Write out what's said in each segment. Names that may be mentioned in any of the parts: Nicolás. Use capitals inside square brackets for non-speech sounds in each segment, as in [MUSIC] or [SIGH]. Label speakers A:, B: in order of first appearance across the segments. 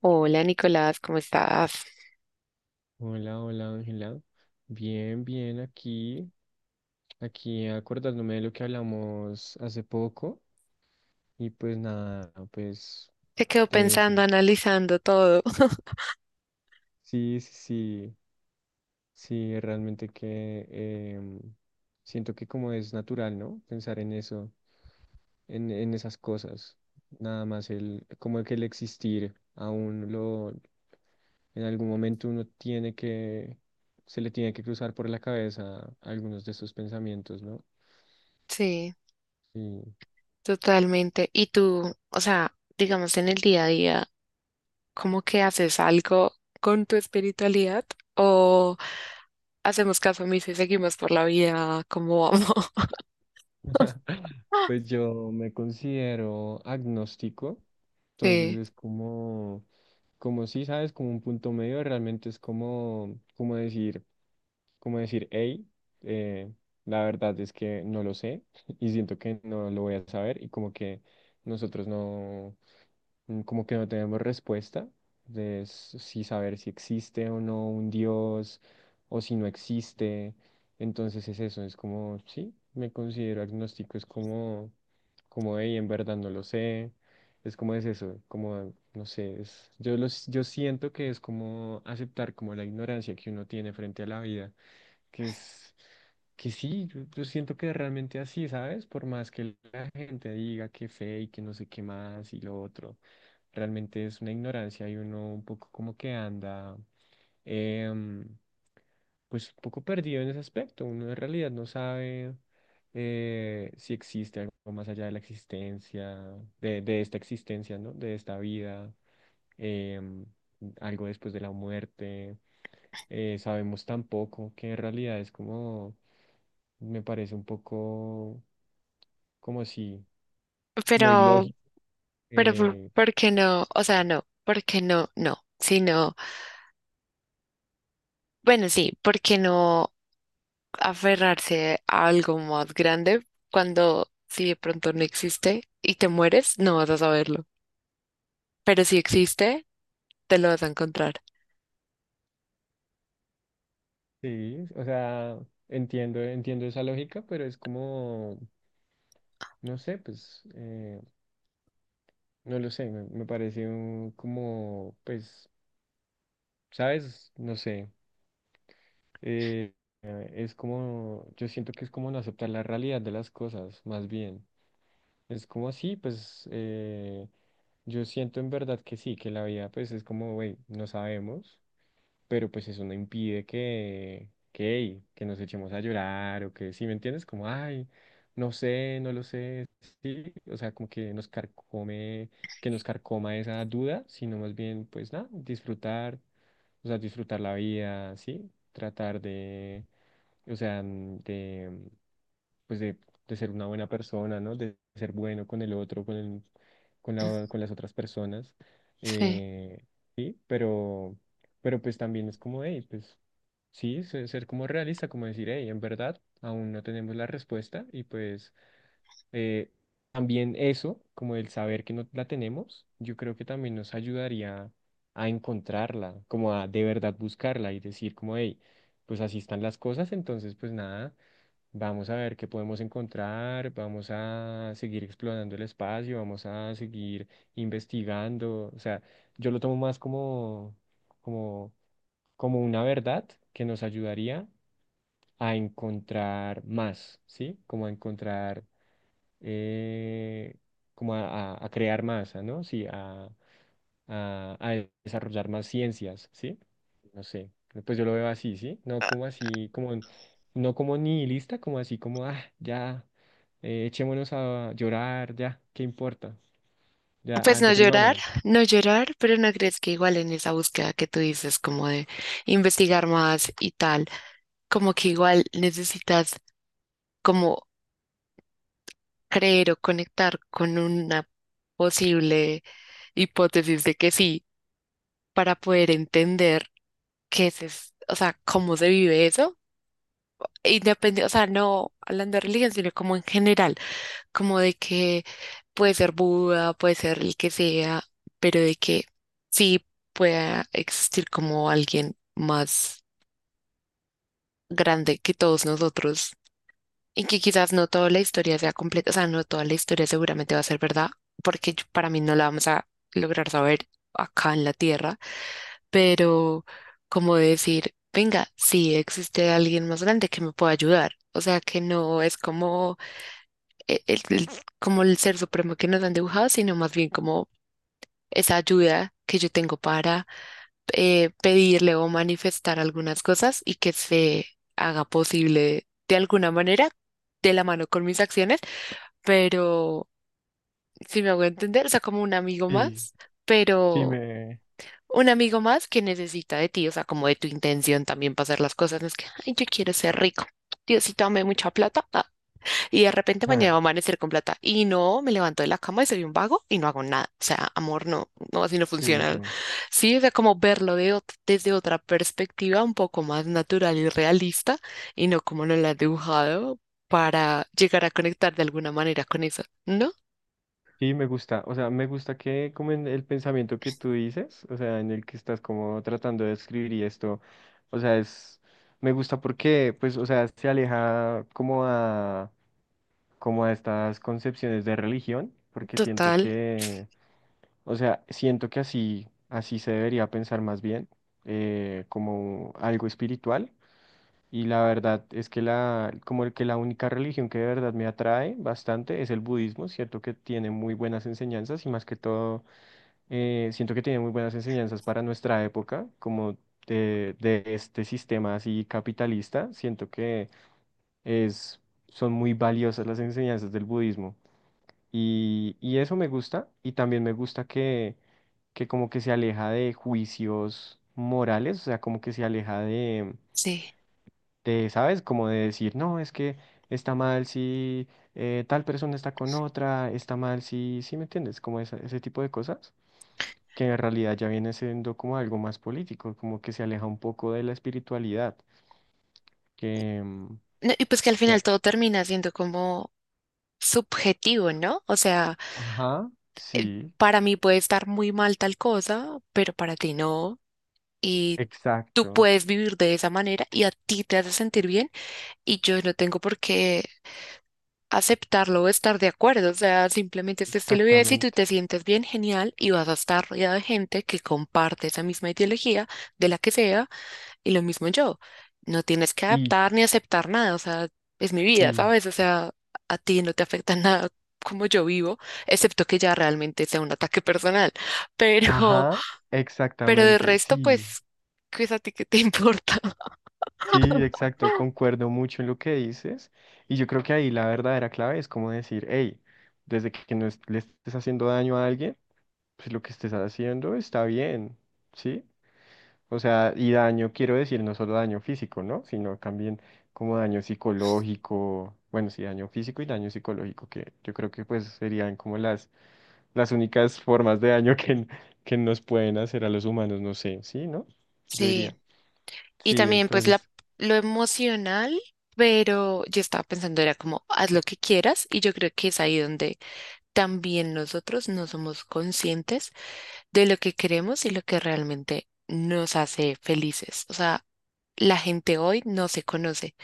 A: Hola Nicolás, ¿cómo estás?
B: Hola, hola Ángela. Bien, bien, aquí acordándome de lo que hablamos hace poco y pues nada, pues
A: Te quedo
B: de eso.
A: pensando, analizando todo. [LAUGHS]
B: Sí, sí, sí, sí, realmente que em, siento que, como es natural, ¿no? Pensar en eso, en esas cosas, nada más el, como que el existir aún lo, en algún momento uno tiene que, se le tiene que cruzar por la cabeza algunos de esos pensamientos, ¿no?
A: Sí,
B: Sí.
A: totalmente. ¿Y tú, o sea, digamos en el día a día, cómo que haces algo con tu espiritualidad o hacemos caso omiso y seguimos por la vida como vamos?
B: [LAUGHS] Pues
A: [LAUGHS]
B: yo me considero agnóstico, entonces
A: Sí,
B: es como, como si sabes, como un punto medio. Realmente es como, como decir, hey, la verdad es que no lo sé. [LAUGHS] Y siento que no lo voy a saber, y como que nosotros no como que no tenemos respuesta de si saber si existe o no un Dios o si no existe. Entonces es eso, es como, sí, me considero agnóstico, es como, hey, en verdad no lo sé. Es como es eso, como, no sé, yo siento que es como aceptar como la ignorancia que uno tiene frente a la vida, que es que sí, yo siento que realmente así, ¿sabes? Por más que la gente diga que fe y que no sé qué más y lo otro, realmente es una ignorancia y uno un poco como que anda, em, pues un poco perdido en ese aspecto. Uno en realidad no sabe, si existe algo más allá de la existencia, de esta existencia, ¿no? De esta vida, em, algo después de la muerte. Sabemos tan poco, que en realidad es como, me parece un poco como si muy
A: pero,
B: lógico.
A: pero, ¿por
B: eh,
A: por qué no? O sea, no, ¿por qué no? No, sino, bueno, sí, ¿por qué no? Aferrarse a algo más grande cuando si de pronto no existe y te mueres, no vas a saberlo. Pero si existe, te lo vas a encontrar.
B: sí, o sea, entiendo esa lógica, pero es como, no sé, pues, no lo sé, me parece como, pues, ¿sabes? No sé. eh, es como, yo siento que es como no aceptar la realidad de las cosas, más bien. Es como así, pues, yo siento en verdad que sí, que la vida pues es como, güey, no sabemos, pero pues eso no impide que, hey, que nos echemos a llorar o que, ¿si me entiendes? Como, ay, no sé, no lo sé, sí, o sea, como que nos carcome, que nos carcoma esa duda, sino más bien, pues nada, disfrutar, o sea, disfrutar la vida, sí, tratar de, o sea, de, pues de ser una buena persona, ¿no? De ser bueno con el otro, con con las otras personas.
A: Sí.
B: eh, sí, pero pues también es como, hey, pues sí, ser como realista, como decir, hey, en verdad, aún no tenemos la respuesta, y pues eh, también eso, como el saber que no la tenemos, yo creo que también nos ayudaría a encontrarla, como a de verdad buscarla y decir como, hey, pues así están las cosas, entonces pues nada, vamos a ver qué podemos encontrar, vamos a seguir explorando el espacio, vamos a seguir investigando, o sea, yo lo tomo más como, como, una verdad que nos ayudaría a encontrar más, ¿sí? Como a encontrar, eh, como a crear más, ah, ¿no? Sí, a desarrollar más ciencias, ¿sí? No sé, pues yo lo veo así, ¿sí? No como así, como, no como nihilista, como así, como, ah, ya, echémonos a llorar, ya, ¿qué importa? Ya, ah,
A: Pues no llorar,
B: deprimámonos.
A: no llorar, pero no crees que igual en esa búsqueda que tú dices, como de investigar más y tal, como que igual necesitas como creer o conectar con una posible hipótesis de que sí, para poder entender qué es, o sea, cómo se vive eso independiente, o sea, no hablando de religión, sino como en general, como de que puede ser Buda, puede ser el que sea, pero de que sí pueda existir como alguien más grande que todos nosotros y que quizás no toda la historia sea completa, o sea, no toda la historia seguramente va a ser verdad, porque para mí no la vamos a lograr saber acá en la Tierra, pero como decir, venga, sí existe alguien más grande que me pueda ayudar. O sea, que no es como e- el- el- como el ser supremo que nos han dibujado, sino más bien como esa ayuda que yo tengo para pedirle o manifestar algunas cosas y que se haga posible de alguna manera, de la mano con mis acciones, pero si me hago entender, o sea, como un amigo
B: Sí,
A: más,
B: sí,
A: pero un amigo más que necesita de ti, o sea, como de tu intención también para hacer las cosas, no es que, ay, yo quiero ser rico. Diosito, dame mucha plata. Y de repente mañana va a
B: [LAUGHS]
A: amanecer con plata. Y no, me levanto de la cama y soy un vago y no hago nada. O sea, amor, no, no, así no
B: sí,
A: funciona. Sí, o sea, como verlo de desde otra perspectiva un poco más natural y realista y no como nos la ha dibujado para llegar a conectar de alguna manera con eso. ¿No?
B: sí, me gusta, o sea, me gusta que como en el pensamiento que tú dices, o sea, en el que estás como tratando de escribir y esto, o sea, me gusta porque, pues, o sea, se aleja como a, como a estas concepciones de religión, porque siento
A: Total,
B: que, o sea, siento que así, así se debería pensar más bien. Como algo espiritual. Y la verdad es que como el que la única religión que de verdad me atrae bastante es el budismo, cierto que tiene muy buenas enseñanzas, y más que todo, siento que tiene muy buenas enseñanzas para nuestra época, como de este sistema así capitalista. Siento que es, son muy valiosas las enseñanzas del budismo, y eso me gusta, y también me gusta que como que se aleja de juicios morales, o sea, como que se aleja de
A: sí.
B: de, ¿sabes? Como de decir, no, es que está mal si, tal persona está con otra, está mal si, ¿sí me entiendes? Como ese tipo de cosas, que en realidad ya viene siendo como algo más político, como que se aleja un poco de la espiritualidad, que... mm,
A: No, y pues que al final
B: ya-
A: todo termina siendo como subjetivo, ¿no? O sea,
B: ajá, sí,
A: para mí puede estar muy mal tal cosa, pero para ti no. Y tú
B: exacto,
A: puedes vivir de esa manera y a ti te hace sentir bien y yo no tengo por qué aceptarlo o
B: ex-
A: estar de acuerdo. O sea, simplemente este estilo de vida, si tú
B: exactamente,
A: te sientes bien, genial, y vas a estar rodeado de gente que comparte esa misma ideología, de la que sea, y lo mismo yo. No tienes que
B: sí,
A: adaptar ni aceptar nada, o sea, es mi vida,
B: sí,
A: ¿sabes? O sea, a ti no te afecta [LAUGHS] nada como yo vivo, excepto que ya realmente sea un ataque personal. [LAUGHS] Pero,
B: ajá,
A: pero de
B: exactamente,
A: resto,
B: sí.
A: pues, qué es a ti que te [LAUGHS] importa.
B: Sí, exacto, concuerdo mucho en lo que dices, y yo creo que ahí la verdadera clave es como decir, hey, desde que no es- le estés haciendo daño a alguien, pues lo que estés haciendo está bien, ¿sí? O sea, y daño quiero decir no solo daño físico, ¿no? Sino también como daño psicológico, bueno, sí, daño físico y daño psicológico, que yo creo que pues serían como las únicas formas de daño [LAUGHS] que nos pueden hacer a los humanos, no sé, ¿sí? ¿No? Yo
A: Sí,
B: diría.
A: y
B: Sí,
A: también pues la,
B: entonces,
A: lo emocional, pero yo estaba pensando, era como, haz lo
B: eh,
A: que quieras, y yo creo que es ahí donde también nosotros no somos conscientes de lo que queremos y lo que realmente nos hace felices. O sea, la gente hoy no se conoce,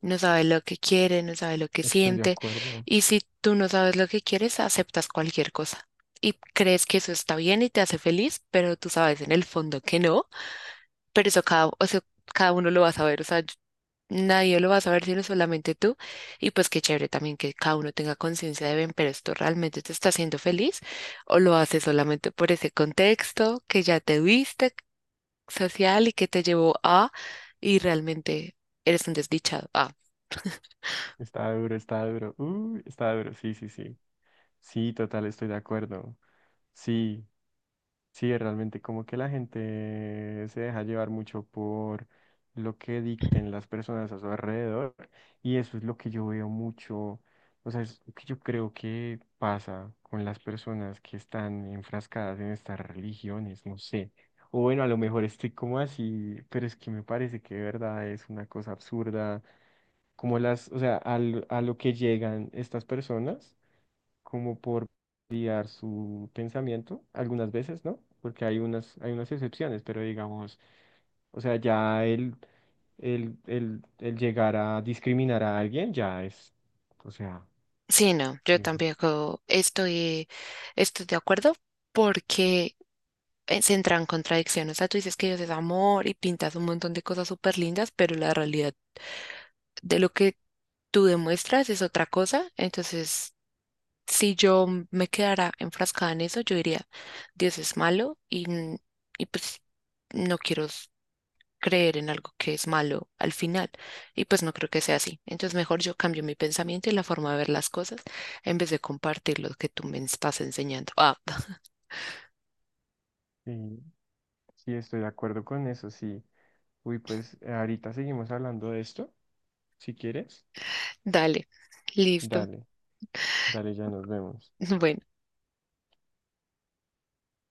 A: no sabe lo que quiere, no sabe lo que
B: estoy de
A: siente,
B: acuerdo.
A: y si tú no sabes lo que quieres, aceptas cualquier cosa. Y crees que eso está bien y te hace feliz, pero tú sabes en el fondo que no, pero eso cada, o sea, cada uno lo va a saber, o sea, nadie lo va a saber sino solamente tú. Y pues qué chévere también que cada uno tenga conciencia de, ven, pero esto realmente te está haciendo feliz o lo haces solamente por ese contexto que ya te viste social y que te llevó a y realmente eres un desdichado. Ah,
B: Está duro, está duro. Uy, está duro. Sí, sí, sí. Sí, total, estoy de acuerdo. Sí, sí, realmente como que la gente se deja llevar mucho por lo que dicten las personas a su alrededor, y eso es lo que yo veo mucho, o sea, es lo que yo creo que pasa con las personas que están enfrascadas en estas religiones, no sé. O bueno, a lo mejor estoy como así, pero es que me parece que de verdad es una cosa absurda como o sea, a lo que llegan estas personas, como por guiar su pensamiento, algunas veces, ¿no? Porque hay unas excepciones, pero digamos, o sea, ya el llegar a discriminar a alguien ya es, o sea,
A: sí, no, yo
B: eso.
A: tampoco estoy de acuerdo porque se entra en contradicción, o sea, tú dices que Dios es amor y pintas un montón de cosas súper lindas, pero la realidad de lo que tú demuestras es otra cosa. Entonces, si yo me quedara enfrascada en eso, yo diría, Dios es malo y pues no quiero creer en algo que es malo al final. Y pues no creo que sea así. Entonces, mejor yo cambio mi pensamiento y la forma de ver las cosas en vez de compartir lo que tú me estás enseñando. Ah, [LAUGHS]
B: Sí, sí, estoy de acuerdo con eso, sí. Uy, pues ahorita seguimos hablando de esto, si quieres,
A: dale, listo.
B: dale, dale, ya nos vemos.
A: [LAUGHS] Bueno.